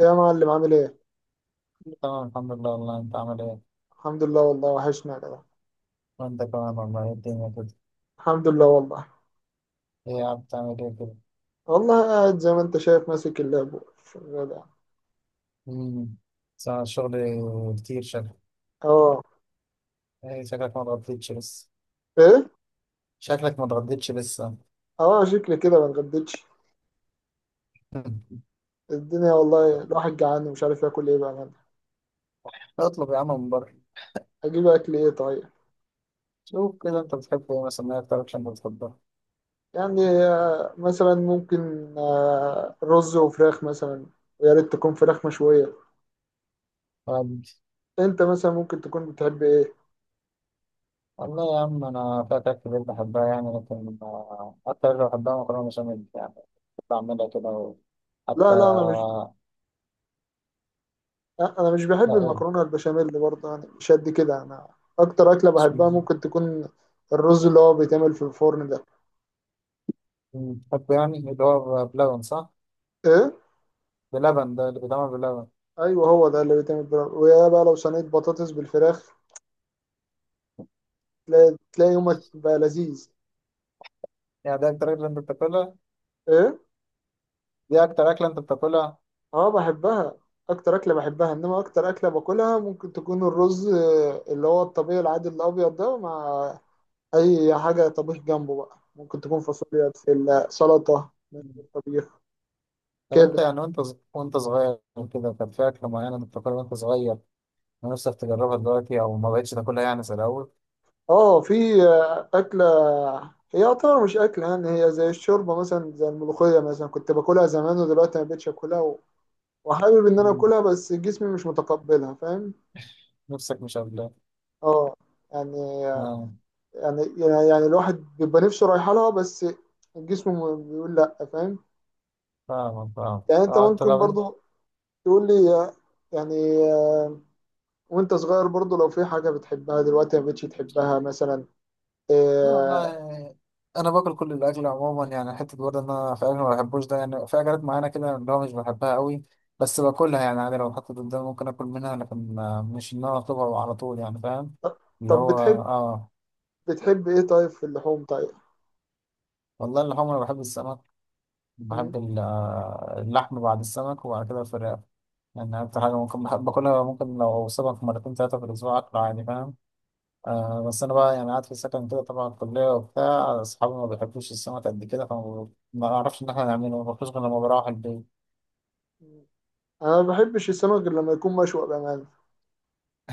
يا معلم، عامل ايه؟ تمام، الحمد لله والله. انت عامل ايه؟ الحمد لله والله، وحشنا يا جدع. وانت كمان والله. ايه الدنيا كده. الحمد لله والله. ايه يا عم بتعمل ايه كده؟ والله قاعد زي ما انت شايف، ماسك اللاب، شغال يعني. امم صار الشغل كتير شكلك. اه. ايه شكلك ما اتغديتش لسه؟ ايه؟ شكلك ما اتغديتش لسه. اه، شكلي كده ما اتغديتش. الدنيا والله، الواحد جعان ومش عارف ياكل ايه بقى أنا. اطلب يا عم من بره. اجيب اكل ايه طيب؟ شوف كده انت بتحب ايه مثلا، ايه اكتر اكشن بتفضلها؟ يعني مثلا ممكن رز وفراخ مثلا. ويا ريت تكون فراخ مشوية. طب، انت مثلا ممكن تكون بتحب ايه؟ والله يا عم انا في اكلات كتير بحبها يعني، لكن اكتر اللي بحبها مكرونه بشاميل يعني. كنت بعملها كده حتى. لا لا، انا مش لا بحب ايه المكرونه البشاميل برضه، يعني مش قد كده انا. اكتر اكله اسمه، بحبها ممكن تكون الرز اللي هو بيتعمل في الفرن ده. بحب يعني اللي هو بلبن، صح؟ ايه. بلبن، ده اللي بيتعمل بلبن. ايوه، هو ده اللي بيتعمل بالفراخ، ويا بقى لو صينيه بطاطس بالفراخ تلاقي يومك بقى لذيذ. يعني ده اكتر اكله انت بتاكلها؟ ايه. دي اكتر اكله انت بتاكلها؟ اه بحبها. اكتر اكله بحبها، انما اكتر اكله باكلها ممكن تكون الرز اللي هو الطبيعي العادي الابيض ده، مع اي حاجه طبيخ جنبه بقى، ممكن تكون فاصوليا، بسله، سلطه، مم. طبيخ طب انت كده. يعني وانت صغير كده، كان في اكله معينه انت بتاكلها وانت صغير، نفسك تجربها دلوقتي او ما بقتش تاكلها يعني زي الاول؟ اه، في أكلة. هي يعتبر مش أكلة، يعني هي زي الشوربة مثلا، زي الملوخية مثلا، كنت باكلها زمان ودلوقتي ما بقتش أكلها وحابب إن أنا مم. أكلها، بس جسمي مش متقبلها، فاهم. نفسك مش قابلها. اه. يعني اه، يعني الواحد بيبقى نفسه رايحة لها، بس الجسم بيقول لأ، فاهم. فاهم فاهم. يعني أنت اه انت، ممكن طب انت، برضو تقول لي يعني آه، وأنت صغير برضو، لو في حاجة بتحبها دلوقتي ما بقتش تحبها مثلا لا والله آه، انا باكل كل الاكل عموما يعني. حته برضه ان انا في اكل ما بحبوش ده، يعني في اكلات معينه كده اللي هو مش بحبها قوي، بس باكلها يعني عادي. لو اتحطت قدامي ممكن اكل منها، لكن مش ان انا اطلبها على طول يعني، فاهم؟ اللي طب هو بتحب. اه، بتحب إيه طيب في اللحوم طيب؟ والله اللحوم انا بحب السمك. بحب اللحم بعد السمك، وبعد كده الفراخ. يعني اكتر حاجه ممكن بحب باكلها، ممكن لو سمك مرتين ثلاثه في الاسبوع اكله عادي، فاهم؟ آه، بس انا بقى يعني قاعد في السكن كده طبعا الكليه وبتاع، اصحابي ما بيحبوش السمك قد كده، فما ما اعرفش ان احنا نعمله، ما باكلوش غير لما بروح البيت. انا ما بحبش السمك غير لما يكون مشوي بامانه.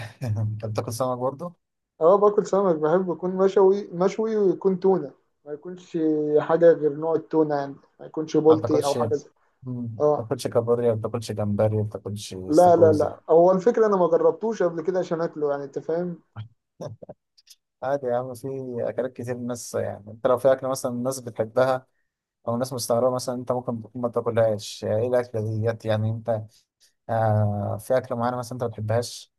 انت بتاكل سمك برضه؟ اه، باكل سمك، بحب يكون مشوي ويكون تونه. ما يكونش حاجه غير نوع التونه يعني. ما يكونش ما بولتي او بتاكلش، حاجه زي. ما اه. بتاكلش كابوريا، ما بتاكلش جمبري، ما بتاكلش لا لا استاكوزا. لا، هو الفكره انا ما جربتوش قبل كده عشان اكله يعني، انت فاهم. عادي يا عم، في اكلات كتير الناس يعني، انت لو في اكله مثلا الناس بتحبها او الناس مستغربه مثلا، انت ممكن تكون ما تاكلهاش. ايه الاكله ديت يعني، انت آه، في اكله معينه مثلا انت ما بتحبهاش؟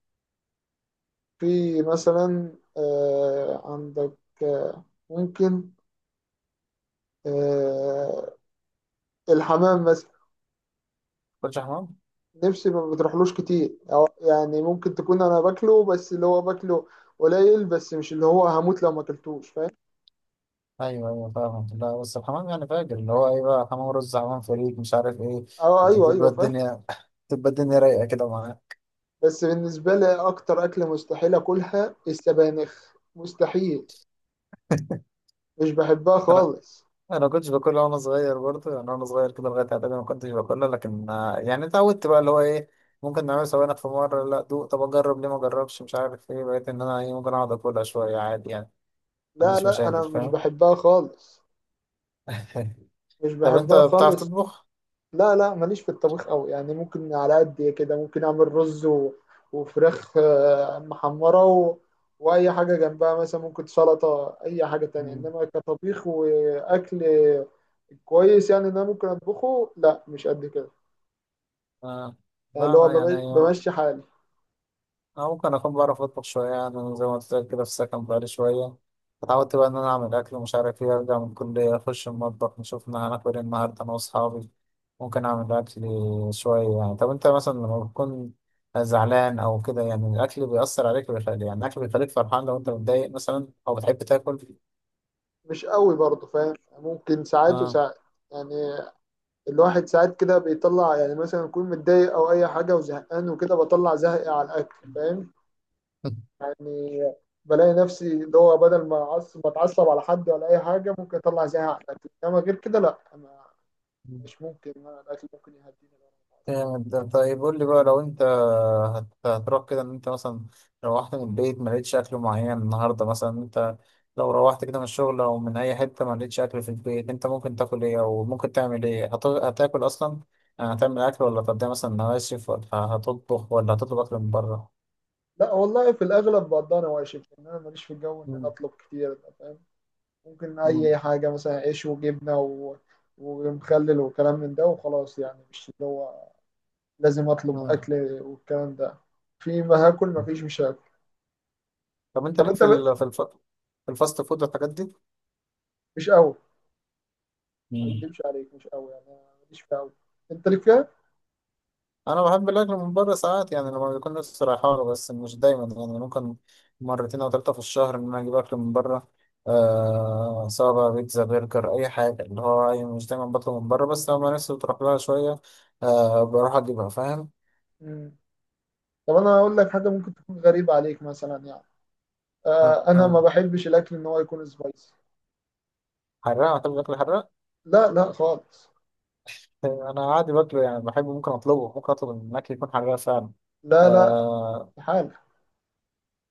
في مثلا عندك آه ممكن آه الحمام مثلا. ما بتاكلش حمام؟ نفسي ما بتروحلوش كتير، أو يعني ممكن تكون انا باكله، بس اللي هو باكله قليل، بس مش اللي هو هموت لو ما اكلتوش، فاهم. ايوه ايوه فاهم. لا بس الحمام يعني فاجر، اللي هو ايه بقى، حمام رز، حمام فريك، مش عارف ايه. اه ايوه بتبقى ايوه فاهم. الدنيا بتبقى الدنيا رايقه كده معاه. بس بالنسبه لي، اكتر اكله مستحيل اكلها السبانخ، مستحيل. مش بحبها خالص. انا كنتش باكلها وانا صغير برضه يعني، وانا صغير كده لغايه اعدادي ما كنتش باكلها، لكن يعني اتعودت بقى اللي هو ايه، ممكن نعمل سوينا في مره، لا دوق، طب اجرب، ليه ما اجربش؟ مش عارف ايه، بقيت ان انا ايه، ممكن اقعد اكلها شويه عادي يعني، ما لا عنديش لا، مشاكل، انا مش فاهم؟ بحبها خالص. مش طب انت بحبها بتعرف خالص. تطبخ؟ لا لا، ماليش في الطبيخ قوي يعني، ممكن على قد كده، ممكن اعمل رز و... وفراخ محمره و... واي حاجه جنبها مثلا، ممكن سلطه، اي حاجه تانية، مم. انما كطبيخ واكل كويس يعني ان انا ممكن اطبخه، لا مش قد كده. آه. يعني لا اللي هو انا يعني، بمشي حالي. أنا ممكن أكون بعرف أطبخ شوية يعني. أنا زي ما قلت لك كده، في السكن بقالي شوية اتعودت بقى إن أنا أعمل أكل ومش عارف إيه، أرجع من الكلية أخش المطبخ نشوف إن هناكل إيه النهاردة أنا وأصحابي، ممكن أعمل أكل شوية يعني. طب أنت مثلا لما بتكون زعلان أو كده، يعني الأكل بيأثر عليك ويخلي، يعني الأكل بيخليك فرحان لو أنت متضايق مثلا، أو بتحب تاكل؟ مش قوي برضه، فاهم. ممكن ساعات آه. وساعات. يعني الواحد ساعات كده بيطلع، يعني مثلا يكون متضايق او اي حاجه وزهقان وكده، بطلع زهقي على الاكل، فاهم. يعني بلاقي نفسي اللي هو بدل ما أعصب بتعصب على حد ولا اي حاجه، ممكن اطلع زهقي على الاكل، انما غير كده لا. أنا مش ممكن، أنا الاكل ممكن يهديني لو أنا متعصب. جامد ده. طيب قول لي بقى، لو انت هتروح كده، ان انت مثلا روحت من البيت ما لقيتش اكل معين النهارده مثلا، انت لو روحت كده من الشغل او من اي حته ما لقيتش اكل في البيت، انت ممكن تاكل ايه او ممكن تعمل ايه؟ هتاكل اصلا يعني، هتعمل اكل ولا هتقضيها مثلا نواشف، ولا هتطبخ، ولا هتطلب اكل من بره؟ لا والله، في الاغلب بقضي انا واشف، لان انا ماليش في الجو ان انا مم. اطلب كتير ده، فاهم. ممكن مم. اي حاجه مثلا عيش وجبنه و... ومخلل وكلام من ده وخلاص، يعني مش اللي هو لازم اطلب مم. اكل والكلام ده. في ما هاكل، ما فيش مش هاكل. طب انت طب ليك انت في في الفاست فود والحاجات مش قوي، ما دي؟ اكدبش عليك، مش قوي يعني، أنا ماليش فيها قوي. انت ليك فيها. انا بحب الاكل من بره ساعات يعني، لما بيكون نفسي رايحه له، بس مش دايما يعني. ممكن مرتين او ثلاثه في الشهر ان انا اجيب اكل من بره. آه، سواء بقى بيتزا، برجر، اي حاجه اللي هو يعني، مش دايما بطلب من بره، بس لما نفسي بتروح لها شويه آه، بروح اجيبها، فاهم؟ مم. طب انا اقول لك حاجه، ممكن تكون غريبه عليك مثلا، يعني آه انا آه. ما بحبش الاكل ان هو يكون سبايسي. حراق، بتحب الاكل الحراق؟ لا لا خالص. آه، انا عادي باكله يعني، بحبه، ممكن اطلبه، ممكن اطلب ان الاكل يكون حراق فعلا. لا لا آه. استحاله.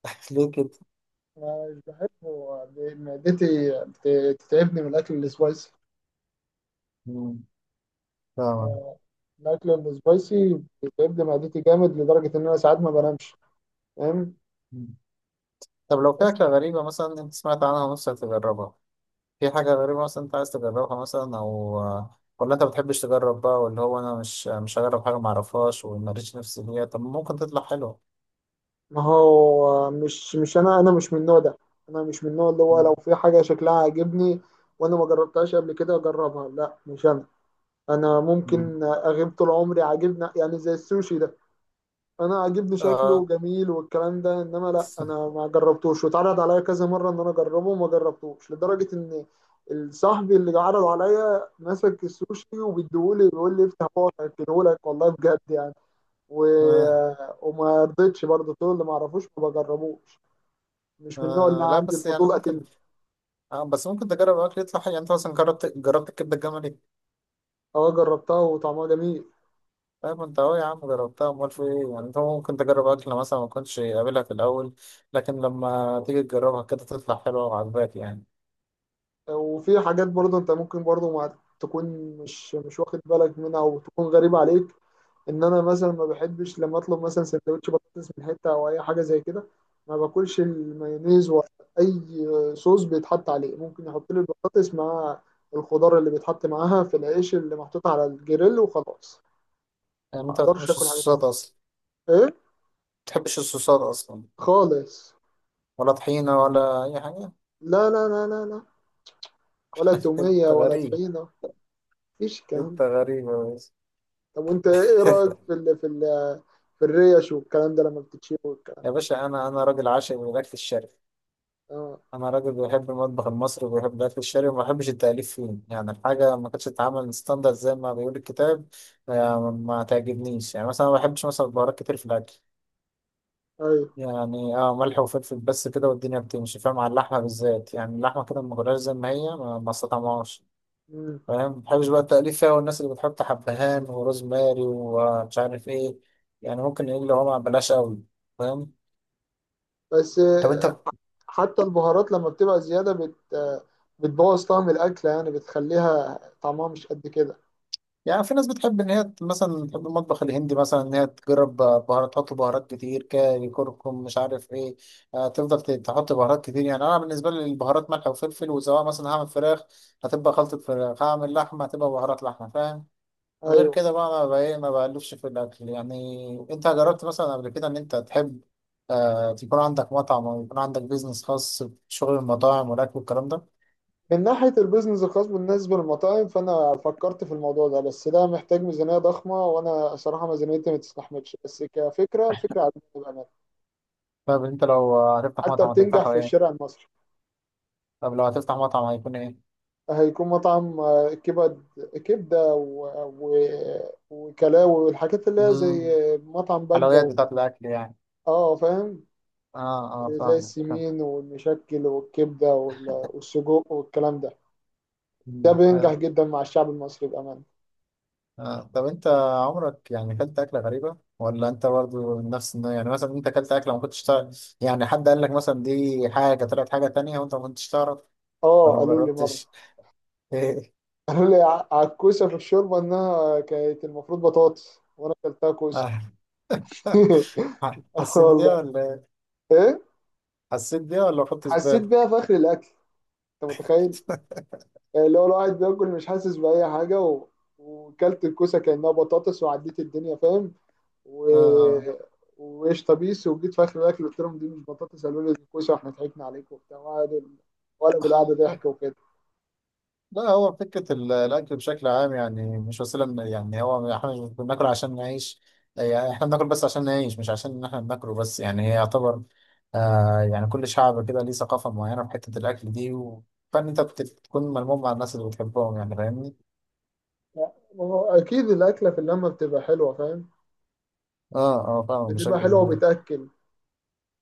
ليه كده؟ أنا مش بحبه. معدتي بت- بتتعبني من الاكل السبايسي. مم، فاهمك. آه، الاكل السبايسي بيتعبني معدتي جامد، لدرجه ان انا ساعات ما بنامش، فاهم. مم. طب لو في أكلة غريبة مثلا أنت سمعت عنها ونفسك تجربها، في حاجة غريبة مثلا أنت عايز تجربها مثلا؟ أو ولا أنت بتحبش تجرب بقى، واللي هو أنا مش مش هجرب حاجة معرفهاش ومريتش نفسي فيها، طب ممكن تطلع حلوة. ما هو مش مش انا انا مش من النوع ده. انا مش من النوع اللي هو لو مم. في حاجه شكلها عاجبني وانا ما جربتهاش قبل كده اجربها، لا مش انا. انا مم. ممكن اغيب طول عمري عاجبنا، يعني زي السوشي ده، انا عاجبني شكله آه. جميل والكلام ده، انما لا انا ما جربتوش، واتعرض عليا كذا مره ان انا اجربه وما جربتوش، لدرجه ان صاحبي اللي عرض عليا مسك السوشي وبيديهولي بيقول لي افتح بقى اكلهولك، والله بجد يعني و... آه. وما رضيتش برضه، طول اللي ما اعرفوش ما بجربوش، مش من النوع اللي آه، لا عندي بس يعني الفضول اتم. ممكن. آه، بس ممكن تجرب أكل يطلع حلو يعني. أنت مثلا جربت، جربت الكبدة الجملي. اه جربتها وطعمها جميل. طيب أنت أهو يا عم جربتها، أمال في إيه يعني، أنت ممكن تجرب أكل مثلا ما كنتش قابلها في الأول، لكن لما تيجي تجربها كده تطلع حلوة وعجباك يعني. وفي حاجات برضه انت ممكن برضه ما تكون مش واخد بالك منها او تكون غريبة عليك. ان انا مثلا ما بحبش لما اطلب مثلا سندوتش بطاطس من حتة او اي حاجة زي كده، ما باكلش المايونيز ولا اي صوص بيتحط عليه. ممكن يحط لي البطاطس مع الخضار اللي بيتحط معاها في العيش اللي محطوط على الجريل وخلاص. يعني ما أنت ما اقدرش بتحبش اكل حاجة تانية. الصوصات أصلا، ما ايه. بتحبش الصوصات أصلا؟ خالص. ولا طحينة ولا أي حاجة؟ لا لا لا لا لا، ولا تومية أنت ولا غريب. طحينة. مفيش الكلام أنت ده. غريب يا باشا. طب وانت ايه رأيك في ال في ال في الريش والكلام ده لما بتتشوي والكلام يا ده؟ باشا، أنا راجل عاشق للأكل الشرقي. اه أنا راجل بيحب المطبخ المصري وبيحب الأكل الشرقي، وما بحبش التأليف فيه يعني. الحاجة ما كانتش تتعمل ستاندرد زي ما بيقول الكتاب ما تعجبنيش يعني. مثلا ما بحبش مثلا بهارات كتير في الأكل، ايوه. يعني اه ملح وفلفل بس كده والدنيا بتمشي، فاهم؟ على اللحمة بالذات يعني، اللحمة كده ما غلاش زي ما هي، ما استطعمهاش، مم. فاهم؟ ما بحبش بقى التأليف فيها، والناس اللي بتحط حبهان وروزماري ومش عارف ايه، يعني ممكن ايه اللي هو ما بلاش قوي، فاهم؟ بس طب انت حتى البهارات لما بتبقى زيادة بت آه، بتبوظ طعم الأكلة، يعني بتخليها طعمها مش قد كده. يعني، في ناس بتحب ان هي مثلا، تحب المطبخ الهندي مثلا، ان هي تجرب بهارات، تحط بهارات كتير، كاري، كركم، مش عارف ايه. آه، تفضل تحط بهارات كتير يعني. انا بالنسبه لي البهارات ملح وفلفل، وسواء مثلا هعمل فراخ هتبقى خلطه فراخ، هعمل لحمه هتبقى بهارات لحمه، فاهم؟ غير ايوه. كده بقى انا بقى ايه، ما بألفش في الاكل يعني. انت جربت مثلا قبل كده ان انت تحب آه، تكون عندك مطعم او يكون عندك بيزنس خاص بشغل المطاعم والاكل والكلام ده؟ من ناحية البيزنس الخاص بالنسبة للمطاعم، فأنا فكرت في الموضوع ده، بس ده محتاج ميزانية ضخمة وأنا صراحة ميزانيتي ما تستحملش، بس كفكرة الفكرة عجبتني بأمانة. طب انت لو هتفتح حتى مطعم بتنجح هتفتحه في ايه؟ الشارع المصري. طب لو هتفتح مطعم هيكون ايه؟ هيكون مطعم كبد، كبدة و... و... وكلاوي والحاجات اللي هي زي امم مطعم بجة حلويات والكلام بتاعت ده. الاكل يعني؟ اه فاهم. اه اه زي فاهمك آه، السمين والمشكل والكبدة وال... والسجق والكلام ده. ده مم، بينجح حلو. جدا مع الشعب المصري بأمانة. آه. طب انت عمرك يعني اكلت اكله غريبه، ولا انت برضو نفس يعني، مثلا انت اكلت اكله ما كنتش تعرف، يعني حد قال لك مثلا دي حاجه طلعت حاجه تانية وانت ما كنتش تعرف، اه ولا ما قالوا لي مرة. جربتش؟ ايه. قالوا لي على الكوسة في الشوربة إنها كانت المفروض بطاطس وأنا أكلتها كوسة. آه. اه حسيت بيها والله. ولا إيه؟ ايه. حسيت بيها ولا ما خدتش حسيت بيها بالك؟ في آخر الأكل. أنت متخيل؟ اللي هو الواحد بياكل مش حاسس بأي حاجة و... وكلت الكوسة كأنها بطاطس وعديت الدنيا، فاهم، و... اه، وقشطة بيس، وجيت في آخر الأكل قلت لهم دي مش بطاطس، قالوا لي دي كوسة واحنا ضحكنا عليكم وبتاع، وقعدوا ولا بالقعدة آه. ضحك وكده. لا هو فكرة الأكل بشكل عام يعني مش وسيلة يعني، هو احنا مش بناكل عشان نعيش، يعني احنا بناكل بس عشان نعيش، مش عشان إن احنا بناكله بس يعني. هي يعتبر آه يعني، كل شعب كده ليه ثقافة معينة في حتة الأكل دي، و- فإن أنت بتكون ملموم مع الناس اللي بتحبهم يعني، فاهمني؟ لا، ما هو أكيد الأكلة في اللمة بتبقى حلوة، فاهم. اه اه فاهم بشكل بتبقى حلوة كبير. وبتأكل.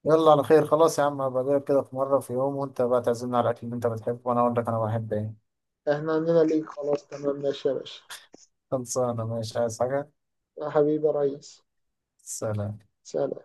يلا على خير خلاص يا عم، هبقى أجيلك كده في مرة في يوم وأنت بقى تعزمنا على الأكل اللي أنت بتحبه وأنا أقول لك أنا بحب إيه. احنا عندنا ليك خلاص، تمام ماشي يا باشا. خلصانة، ماشي، عايز حاجة؟ يا حبيبي يا ريس. سلام. سلام.